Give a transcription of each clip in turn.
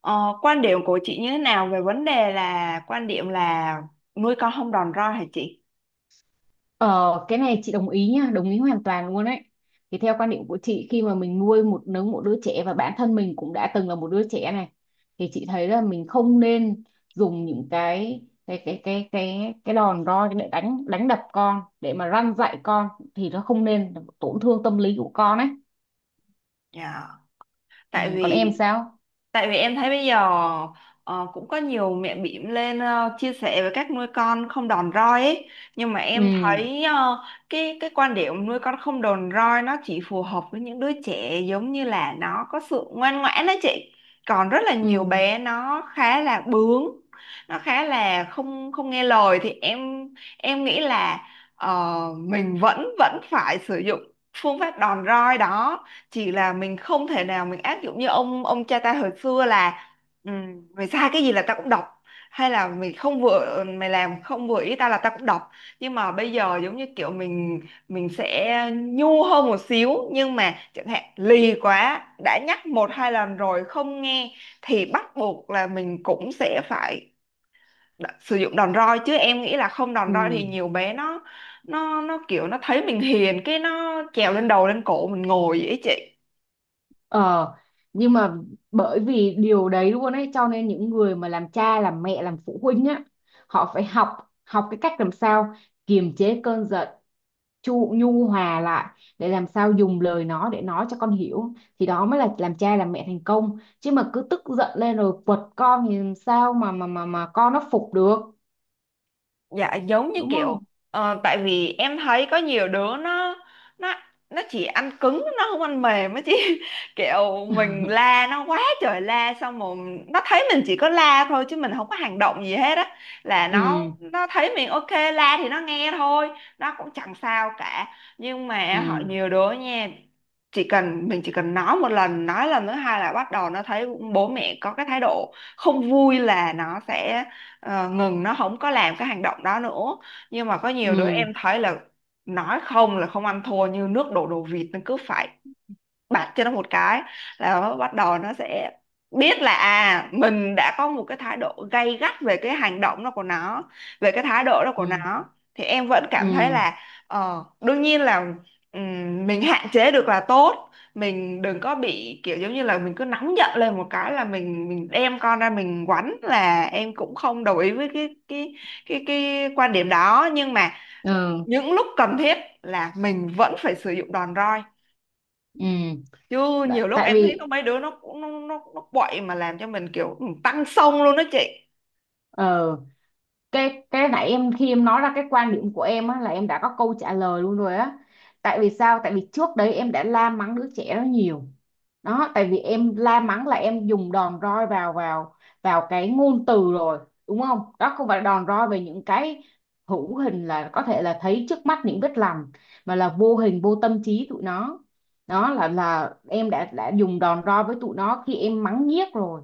Ờ, quan điểm của chị như thế nào về vấn đề là quan điểm là nuôi con không đòn roi hả chị? Ờ, cái này chị đồng ý nha, đồng ý hoàn toàn luôn ấy. Thì theo quan điểm của chị, khi mà mình nuôi một nấng một đứa trẻ và bản thân mình cũng đã từng là một đứa trẻ này, thì chị thấy là mình không nên dùng những cái đòn roi để đánh đánh đập con để mà răn dạy con, thì nó không nên tổn thương tâm lý của con ấy. Dạ. Ừ, Tại còn em vì sao? Tại vì em thấy bây giờ cũng có nhiều mẹ bỉm lên chia sẻ về cách nuôi con không đòn roi ấy. Nhưng mà Ừ, em thấy cái quan điểm nuôi con không đòn roi nó chỉ phù hợp với những đứa trẻ giống như là nó có sự ngoan ngoãn đó chị. Còn rất là ừ, nhiều bé nó khá là bướng, nó khá là không không nghe lời thì em nghĩ là mình vẫn vẫn phải sử dụng phương pháp đòn roi đó, chỉ là mình không thể nào mình áp dụng như ông cha ta hồi xưa là ừ, mày sai cái gì là tao cũng đọc, hay là mày không vừa mày làm không vừa ý tao là tao cũng đọc. Nhưng mà bây giờ giống như kiểu mình sẽ nhu hơn một xíu, nhưng mà chẳng hạn lì quá đã nhắc một hai lần rồi không nghe thì bắt buộc là mình cũng sẽ phải sử dụng đòn roi, chứ em nghĩ là không đòn roi thì ừ. nhiều bé nó kiểu nó thấy mình hiền cái nó trèo lên đầu lên cổ mình ngồi vậy ấy chị. Ờ, nhưng mà bởi vì điều đấy luôn ấy, cho nên những người mà làm cha làm mẹ làm phụ huynh á, họ phải học học cái cách làm sao kiềm chế cơn giận, chu nhu hòa lại để làm sao dùng lời nó để nói cho con hiểu, thì đó mới là làm cha làm mẹ thành công. Chứ mà cứ tức giận lên rồi quật con thì làm sao mà con nó phục được, Dạ, giống như đúng không? kiểu tại vì em thấy có nhiều đứa nó nó chỉ ăn cứng nó không ăn mềm á chị. Kiểu mình la nó quá trời la xong rồi nó thấy mình chỉ có la thôi chứ mình không có hành động gì hết á, là Ừ, nó thấy mình ok la thì nó nghe thôi, nó cũng chẳng sao cả. Nhưng ừ, mà họ nhiều đứa nha, chỉ cần nói một lần nói lần thứ hai là bắt đầu nó thấy bố mẹ có cái thái độ không vui là nó sẽ ngừng, nó không có làm cái hành động đó nữa. Nhưng mà có nhiều đứa ừ, em thấy là nói không là không ăn thua, như nước đổ đồ vịt, nó cứ phải bạt cho nó một cái là nó bắt đầu nó sẽ biết là à, mình đã có một cái thái độ gay gắt về cái hành động đó của nó, về cái thái độ đó ừ, của nó. Thì em vẫn cảm thấy ừ, là đương nhiên là mình hạn chế được là tốt, mình đừng có bị kiểu giống như là mình cứ nóng giận lên một cái là mình đem con ra mình quánh, là em cũng không đồng ý với cái quan điểm đó. Nhưng mà ừ, những lúc cần thiết là mình vẫn phải sử dụng đòn roi, ừ. chứ nhiều lúc Tại em thấy có vì mấy đứa nó cũng nó quậy mà làm cho mình kiểu tăng xông luôn đó chị. ờ cái nãy em khi em nói ra cái quan điểm của em á, là em đã có câu trả lời luôn rồi á. Tại vì sao? Tại vì trước đấy em đã la mắng đứa trẻ đó nhiều. Đó, tại vì em la mắng là em dùng đòn roi vào vào vào cái ngôn từ rồi, đúng không? Đó không phải đòn roi về những cái hữu hình, là có thể là thấy trước mắt những vết lằn, mà là vô hình vô tâm trí tụi nó. Đó là em đã dùng đòn roi với tụi nó khi em mắng nhiếc rồi.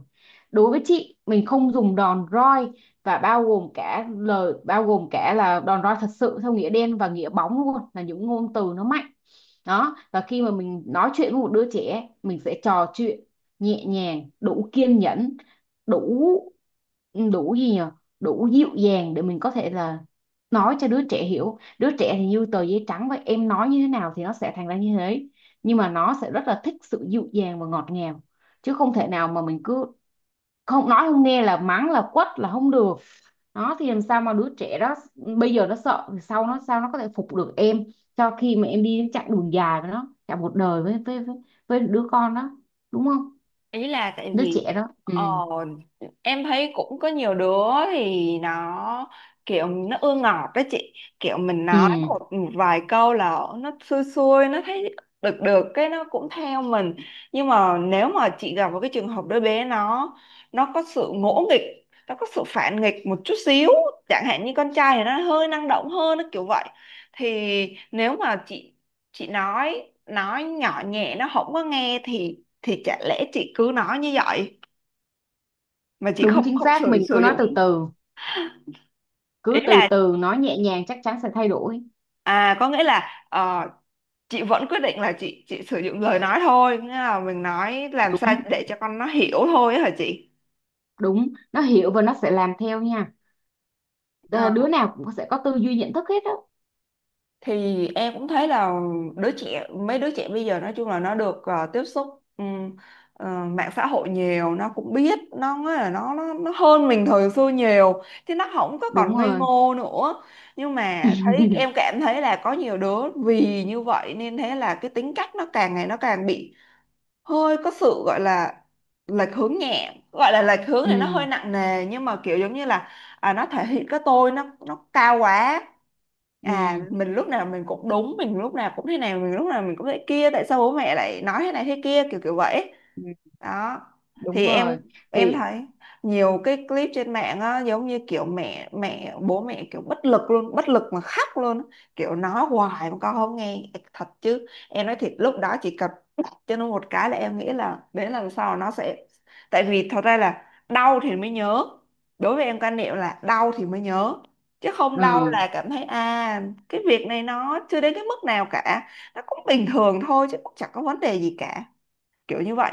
Đối với chị, mình không dùng đòn roi, và bao gồm cả lời, bao gồm cả là đòn roi thật sự theo nghĩa đen và nghĩa bóng luôn, là những ngôn từ nó mạnh. Đó, và khi mà mình nói chuyện với một đứa trẻ, mình sẽ trò chuyện nhẹ nhàng, đủ kiên nhẫn, đủ đủ gì nhỉ, đủ dịu dàng để mình có thể là nói cho đứa trẻ hiểu. Đứa trẻ thì như tờ giấy trắng vậy, em nói như thế nào thì nó sẽ thành ra như thế, nhưng mà nó sẽ rất là thích sự dịu dàng và ngọt ngào, chứ không thể nào mà mình cứ không nói không nghe là mắng, là quất, là không được. Đó, thì làm sao mà đứa trẻ đó bây giờ nó sợ thì sau nó sao nó có thể phục được em, cho khi mà em đi chặng đường dài với nó cả một đời với, đứa con đó, đúng không? Ý là tại Đứa vì trẻ đó. Ừ, ờ, em thấy cũng có nhiều đứa thì nó kiểu nó ưa ngọt đó chị, kiểu mình nói ừ, một vài câu là nó xui xui nó thấy được được cái nó cũng theo mình. Nhưng mà nếu mà chị gặp một cái trường hợp đứa bé nó có sự ngỗ nghịch, nó có sự phản nghịch một chút xíu, chẳng hạn như con trai thì nó hơi năng động hơn, nó kiểu vậy, thì nếu mà chị nói nhỏ nhẹ nó không có nghe thì chả lẽ chị cứ nói như vậy mà chị đúng không chính không xác. sử Mình sử cứ nói dụng. từ từ, Ý cứ là từ từ nói nhẹ nhàng, chắc chắn sẽ thay đổi. à, có nghĩa là chị vẫn quyết định là chị sử dụng lời nói thôi, nghĩa là mình nói làm sao Đúng. để cho con nó hiểu thôi á hả chị. Đúng, nó hiểu và nó sẽ làm theo nha. Ờ. Đứa nào cũng sẽ có tư duy nhận thức hết á. Thì em cũng thấy là đứa trẻ mấy đứa trẻ bây giờ nói chung là nó được tiếp xúc ừm, mạng xã hội nhiều, nó cũng biết nó nói là nó hơn mình thời xưa nhiều thì nó không có còn Đúng ngây rồi. ngô nữa. Nhưng mà thấy em cảm thấy là có nhiều đứa vì như vậy nên thế là cái tính cách nó càng ngày nó càng bị hơi có sự gọi là lệch hướng nhẹ, gọi là lệch hướng thì nó Ừ, hơi nặng nề nhưng mà kiểu giống như là à, nó thể hiện cái tôi nó cao quá, à ừ, mình lúc nào mình cũng đúng, mình lúc nào cũng thế này, mình lúc nào mình cũng thế kia, tại sao bố mẹ lại nói thế này thế kia kiểu kiểu vậy. ừ. Đó Đúng thì em rồi, em thì thấy nhiều cái clip trên mạng á, giống như kiểu mẹ mẹ bố mẹ kiểu bất lực luôn, bất lực mà khóc luôn á, kiểu nói hoài mà con không nghe. Thật chứ em nói thiệt lúc đó chỉ cần bóp cho nó một cái là em nghĩ là đến lần sau nó sẽ, tại vì thật ra là đau thì mới nhớ. Đối với em quan niệm là đau thì mới nhớ, chứ không đau ừ. là cảm thấy à cái việc này nó chưa đến cái mức nào cả, nó cũng bình thường thôi chứ cũng chẳng có vấn đề gì cả, kiểu như vậy.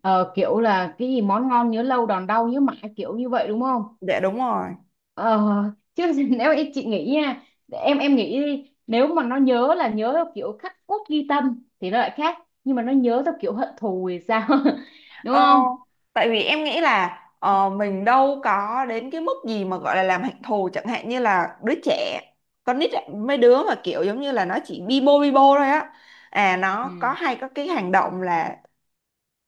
Ờ, Kiểu là cái gì, món ngon nhớ lâu, đòn đau nhớ mãi, kiểu như vậy đúng không? Dạ đúng rồi. Ờ, Chứ nếu em chị nghĩ nha, em nghĩ đi, nếu mà nó nhớ là nhớ theo kiểu khắc cốt ghi tâm thì nó lại khác, nhưng mà nó nhớ theo kiểu hận thù thì sao? Đúng ờ, không? Tại vì em nghĩ là mình đâu có đến cái mức gì mà gọi là làm hạnh thù, chẳng hạn như là đứa trẻ con nít ấy, mấy đứa mà kiểu giống như là nó chỉ bi bô thôi á, à Ừ, nó có hay có cái hành động là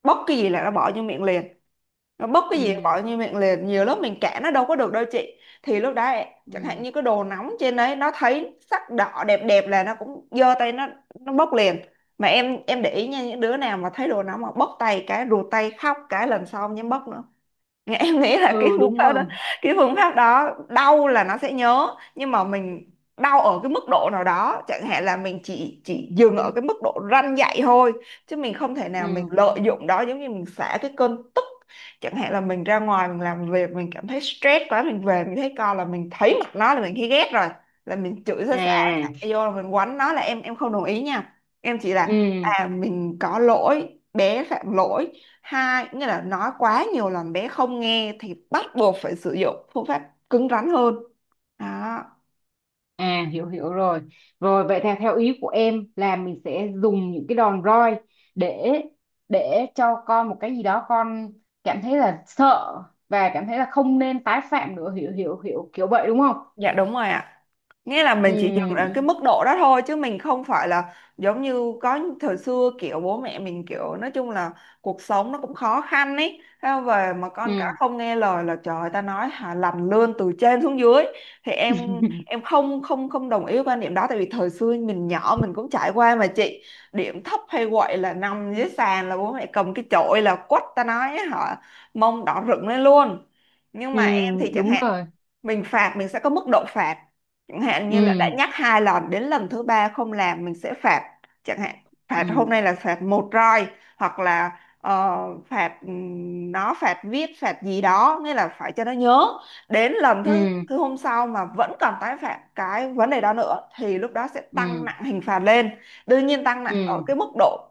bóc cái gì là nó bỏ vô miệng liền, nó bốc cái gì ừ, bỏ như miệng liền, nhiều lúc mình kẻ nó đâu có được đâu chị. Thì lúc đấy chẳng hạn ừ, như cái đồ nóng trên đấy nó thấy sắc đỏ đẹp đẹp là nó cũng giơ tay nó bốc liền. Mà em để ý nha, những đứa nào mà thấy đồ nóng mà bốc tay cái rụt tay khóc cái lần sau không dám bốc nữa, em nghĩ là cái ừ, phương đúng pháp đó, rồi, cái phương pháp đó đau là nó sẽ nhớ. Nhưng mà mình đau ở cái mức độ nào đó, chẳng hạn là mình chỉ dừng ở cái mức độ răn dạy thôi, chứ mình không thể nào mình ừ. lợi dụng đó giống như mình xả cái cơn tức. Chẳng hạn là mình ra ngoài mình làm việc mình cảm thấy stress quá, mình về mình thấy con là mình thấy mặt nó là mình thấy ghét rồi là mình chửi ra xả, À, xả vô là mình quánh nó, là em không đồng ý nha. Em chỉ là ừ. à mình có lỗi bé phạm lỗi, hai nghĩa là nói quá nhiều làm bé không nghe thì bắt buộc phải sử dụng phương pháp cứng rắn hơn, đó. À, hiểu hiểu rồi. Rồi, vậy theo theo ý của em là mình sẽ dùng những cái đòn roi để để cho con một cái gì đó, con cảm thấy là sợ và cảm thấy là không nên tái phạm nữa, hiểu hiểu hiểu kiểu vậy đúng không? Dạ đúng rồi ạ. Nghĩa là Ừ, mình chỉ dừng ở cái mức độ đó thôi chứ mình không phải là giống như có thời xưa kiểu bố mẹ mình kiểu nói chung là cuộc sống nó cũng khó khăn ấy. Thế mà về mà con cả ừ, không nghe lời là trời ơi, ta nói hả làm lươn từ trên xuống dưới, thì ừ. em em không không không đồng ý với quan điểm đó, tại vì thời xưa mình nhỏ mình cũng trải qua mà chị, điểm thấp hay quậy là nằm dưới sàn là bố mẹ cầm cái chổi là quất ta nói hả mông đỏ rực lên luôn. Nhưng Ừ, mà em thì chẳng đúng hạn rồi. mình phạt mình sẽ có mức độ phạt, chẳng hạn như là đã Ừ, nhắc hai lần đến lần thứ ba không làm mình sẽ phạt, chẳng hạn phạt hôm ừ, nay là phạt một roi, hoặc là phạt nó phạt viết phạt gì đó, nghĩa là phải cho nó nhớ. Đến lần ừ, thứ thứ hôm sau mà vẫn còn tái phạm cái vấn đề đó nữa thì lúc đó sẽ ừ, tăng nặng hình phạt lên, đương nhiên tăng nặng ở ừ, cái mức độ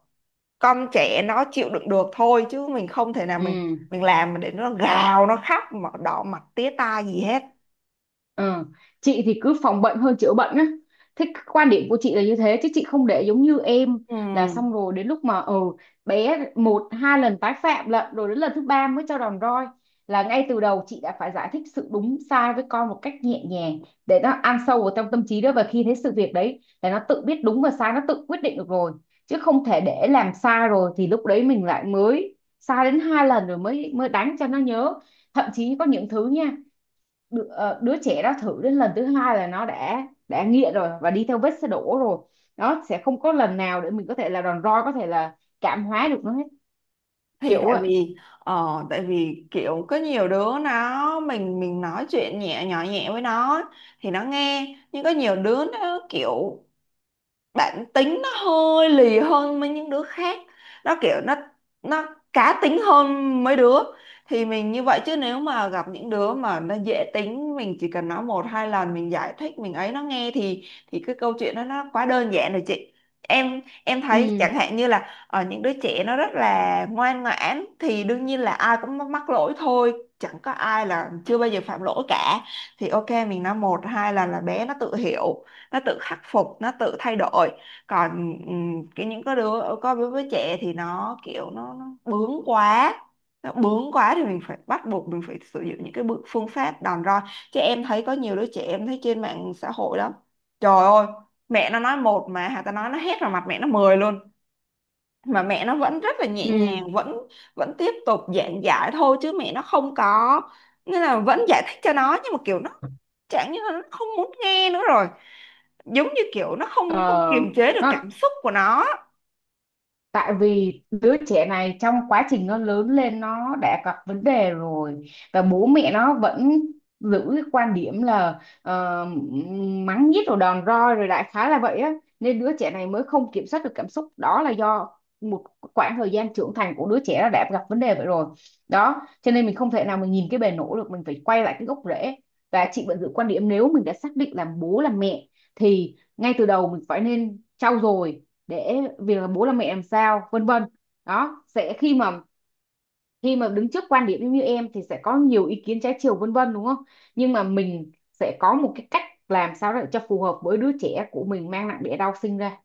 con trẻ nó chịu đựng được thôi, chứ mình không thể nào mình ừ. mình làm để nó gào nó khóc mà đỏ mặt tía tai gì hết. Ờ, Chị thì cứ phòng bệnh hơn chữa bệnh á. Thế cái quan điểm của chị là như thế, chứ chị không để giống như em Ừ, là xong rồi đến lúc mà bé một hai lần tái phạm lận rồi đến lần thứ ba mới cho đòn roi. Là ngay từ đầu chị đã phải giải thích sự đúng sai với con một cách nhẹ nhàng để nó ăn sâu vào trong tâm trí. Đó, và khi thấy sự việc đấy là nó tự biết đúng và sai, nó tự quyết định được rồi, chứ không thể để làm sai rồi thì lúc đấy mình lại mới sai đến hai lần rồi mới mới đánh cho nó nhớ. Thậm chí có những thứ nha, đứa trẻ đó thử đến lần thứ hai là nó đã nghiện rồi và đi theo vết xe đổ rồi, nó sẽ không có lần nào để mình có thể là đòn roi, có thể là cảm hóa được nó hết, thì kiểu tại vậy. vì tại vì kiểu có nhiều đứa nó mình nói chuyện nhẹ nhỏ nhẹ với nó thì nó nghe, nhưng có nhiều đứa nó kiểu bản tính nó hơi lì hơn những đứa khác, nó kiểu nó cá tính hơn mấy đứa, thì mình như vậy chứ nếu mà gặp những đứa mà nó dễ tính mình chỉ cần nói một hai lần mình giải thích mình ấy nó nghe thì cái câu chuyện đó nó quá đơn giản rồi chị. Em thấy Ừ, chẳng hạn như là ở những đứa trẻ nó rất là ngoan ngoãn thì đương nhiên là ai cũng mắc mắc lỗi thôi, chẳng có ai là chưa bao giờ phạm lỗi cả, thì ok mình nói một hai lần là bé nó tự hiểu, nó tự khắc phục nó tự thay đổi. Còn những cái đứa có đứa với trẻ thì nó bướng quá, nó bướng quá thì mình phải bắt buộc mình phải sử dụng những cái bước phương pháp đòn roi, chứ em thấy có nhiều đứa trẻ em thấy trên mạng xã hội lắm, trời ơi, mẹ nó nói một mà hà ta nói nó hét vào mặt mẹ nó mười luôn, mà mẹ nó vẫn rất là nhẹ ừ, nhàng vẫn vẫn tiếp tục giảng giải thôi chứ mẹ nó không có, nên là vẫn giải thích cho nó nhưng mà kiểu nó chẳng như là nó không muốn nghe nữa rồi, giống như kiểu nó ờ. không không kiềm chế được nó cảm xúc của nó. Tại vì đứa trẻ này trong quá trình nó lớn lên nó đã gặp vấn đề rồi, và bố mẹ nó vẫn giữ cái quan điểm là mắng nhiếc rồi đòn roi rồi, đại khái là vậy á. Nên đứa trẻ này mới không kiểm soát được cảm xúc. Đó là do một khoảng thời gian trưởng thành của đứa trẻ nó đã gặp vấn đề vậy rồi. Đó, cho nên mình không thể nào mình nhìn cái bề nổi được, mình phải quay lại cái gốc rễ. Và chị vẫn giữ quan điểm, nếu mình đã xác định làm bố làm mẹ thì ngay từ đầu mình phải nên trau dồi để việc là bố là mẹ làm sao vân vân. Đó sẽ khi mà đứng trước quan điểm như em thì sẽ có nhiều ý kiến trái chiều vân vân đúng không, nhưng mà mình sẽ có một cái cách làm sao để cho phù hợp với đứa trẻ của mình mang nặng đẻ đau sinh ra.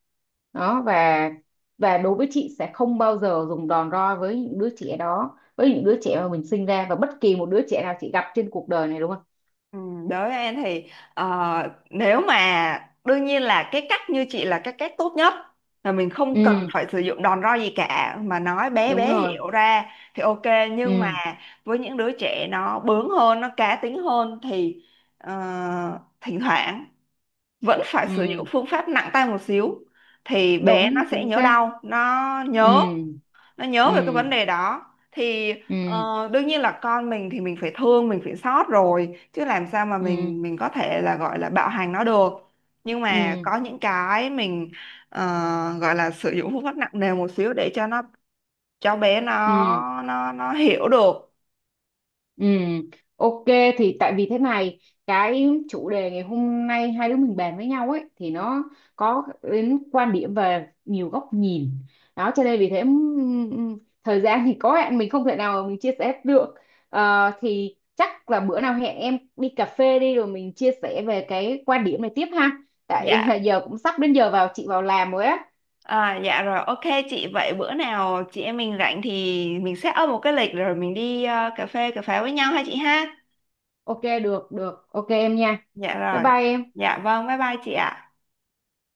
Đó, và đối với chị sẽ không bao giờ dùng đòn roi với những đứa trẻ đó, với những đứa trẻ mà mình sinh ra và bất kỳ một đứa trẻ nào chị gặp trên cuộc đời này, đúng không? Ừ, đối với em thì nếu mà đương nhiên là cái cách như chị là cái cách tốt nhất, là mình không cần Ừ, phải sử dụng đòn roi gì cả mà nói bé đúng bé rồi, hiểu ra thì ok. Nhưng mà ừ, với những đứa trẻ nó bướng hơn nó cá tính hơn thì ờ, thỉnh thoảng vẫn phải ừ, sử dụng phương pháp nặng tay một xíu thì bé nó đúng sẽ chính nhớ xác, đau, nó nhớ, ừ, nó nhớ ừ, về cái vấn đề đó. Thì ừ, ờ, đương nhiên là con mình thì mình phải thương mình phải xót rồi, chứ làm sao mà ừ, mình có thể là gọi là bạo hành nó được. Nhưng mà ừ, có những cái mình ờ, gọi là sử dụng phương pháp nặng nề một xíu để cho nó, cho bé nó ừ, nó hiểu được. ừ, ok. Thì tại vì thế này, cái chủ đề ngày hôm nay hai đứa mình bàn với nhau ấy thì nó có đến quan điểm về nhiều góc nhìn. Đó cho nên vì thế, thời gian thì có hạn, mình không thể nào mình chia sẻ được. Thì chắc là bữa nào hẹn em đi cà phê đi rồi mình chia sẻ về cái quan điểm này tiếp ha, tại Dạ, giờ cũng sắp đến giờ vào chị vào làm rồi á. à, dạ rồi, ok chị. Vậy bữa nào chị em mình rảnh thì mình set up một cái lịch rồi mình đi cà phê cà pháo với nhau ha chị ha. Ok, được, được, ok em nha. Dạ Bye rồi, bye em. dạ vâng, bye bye chị ạ.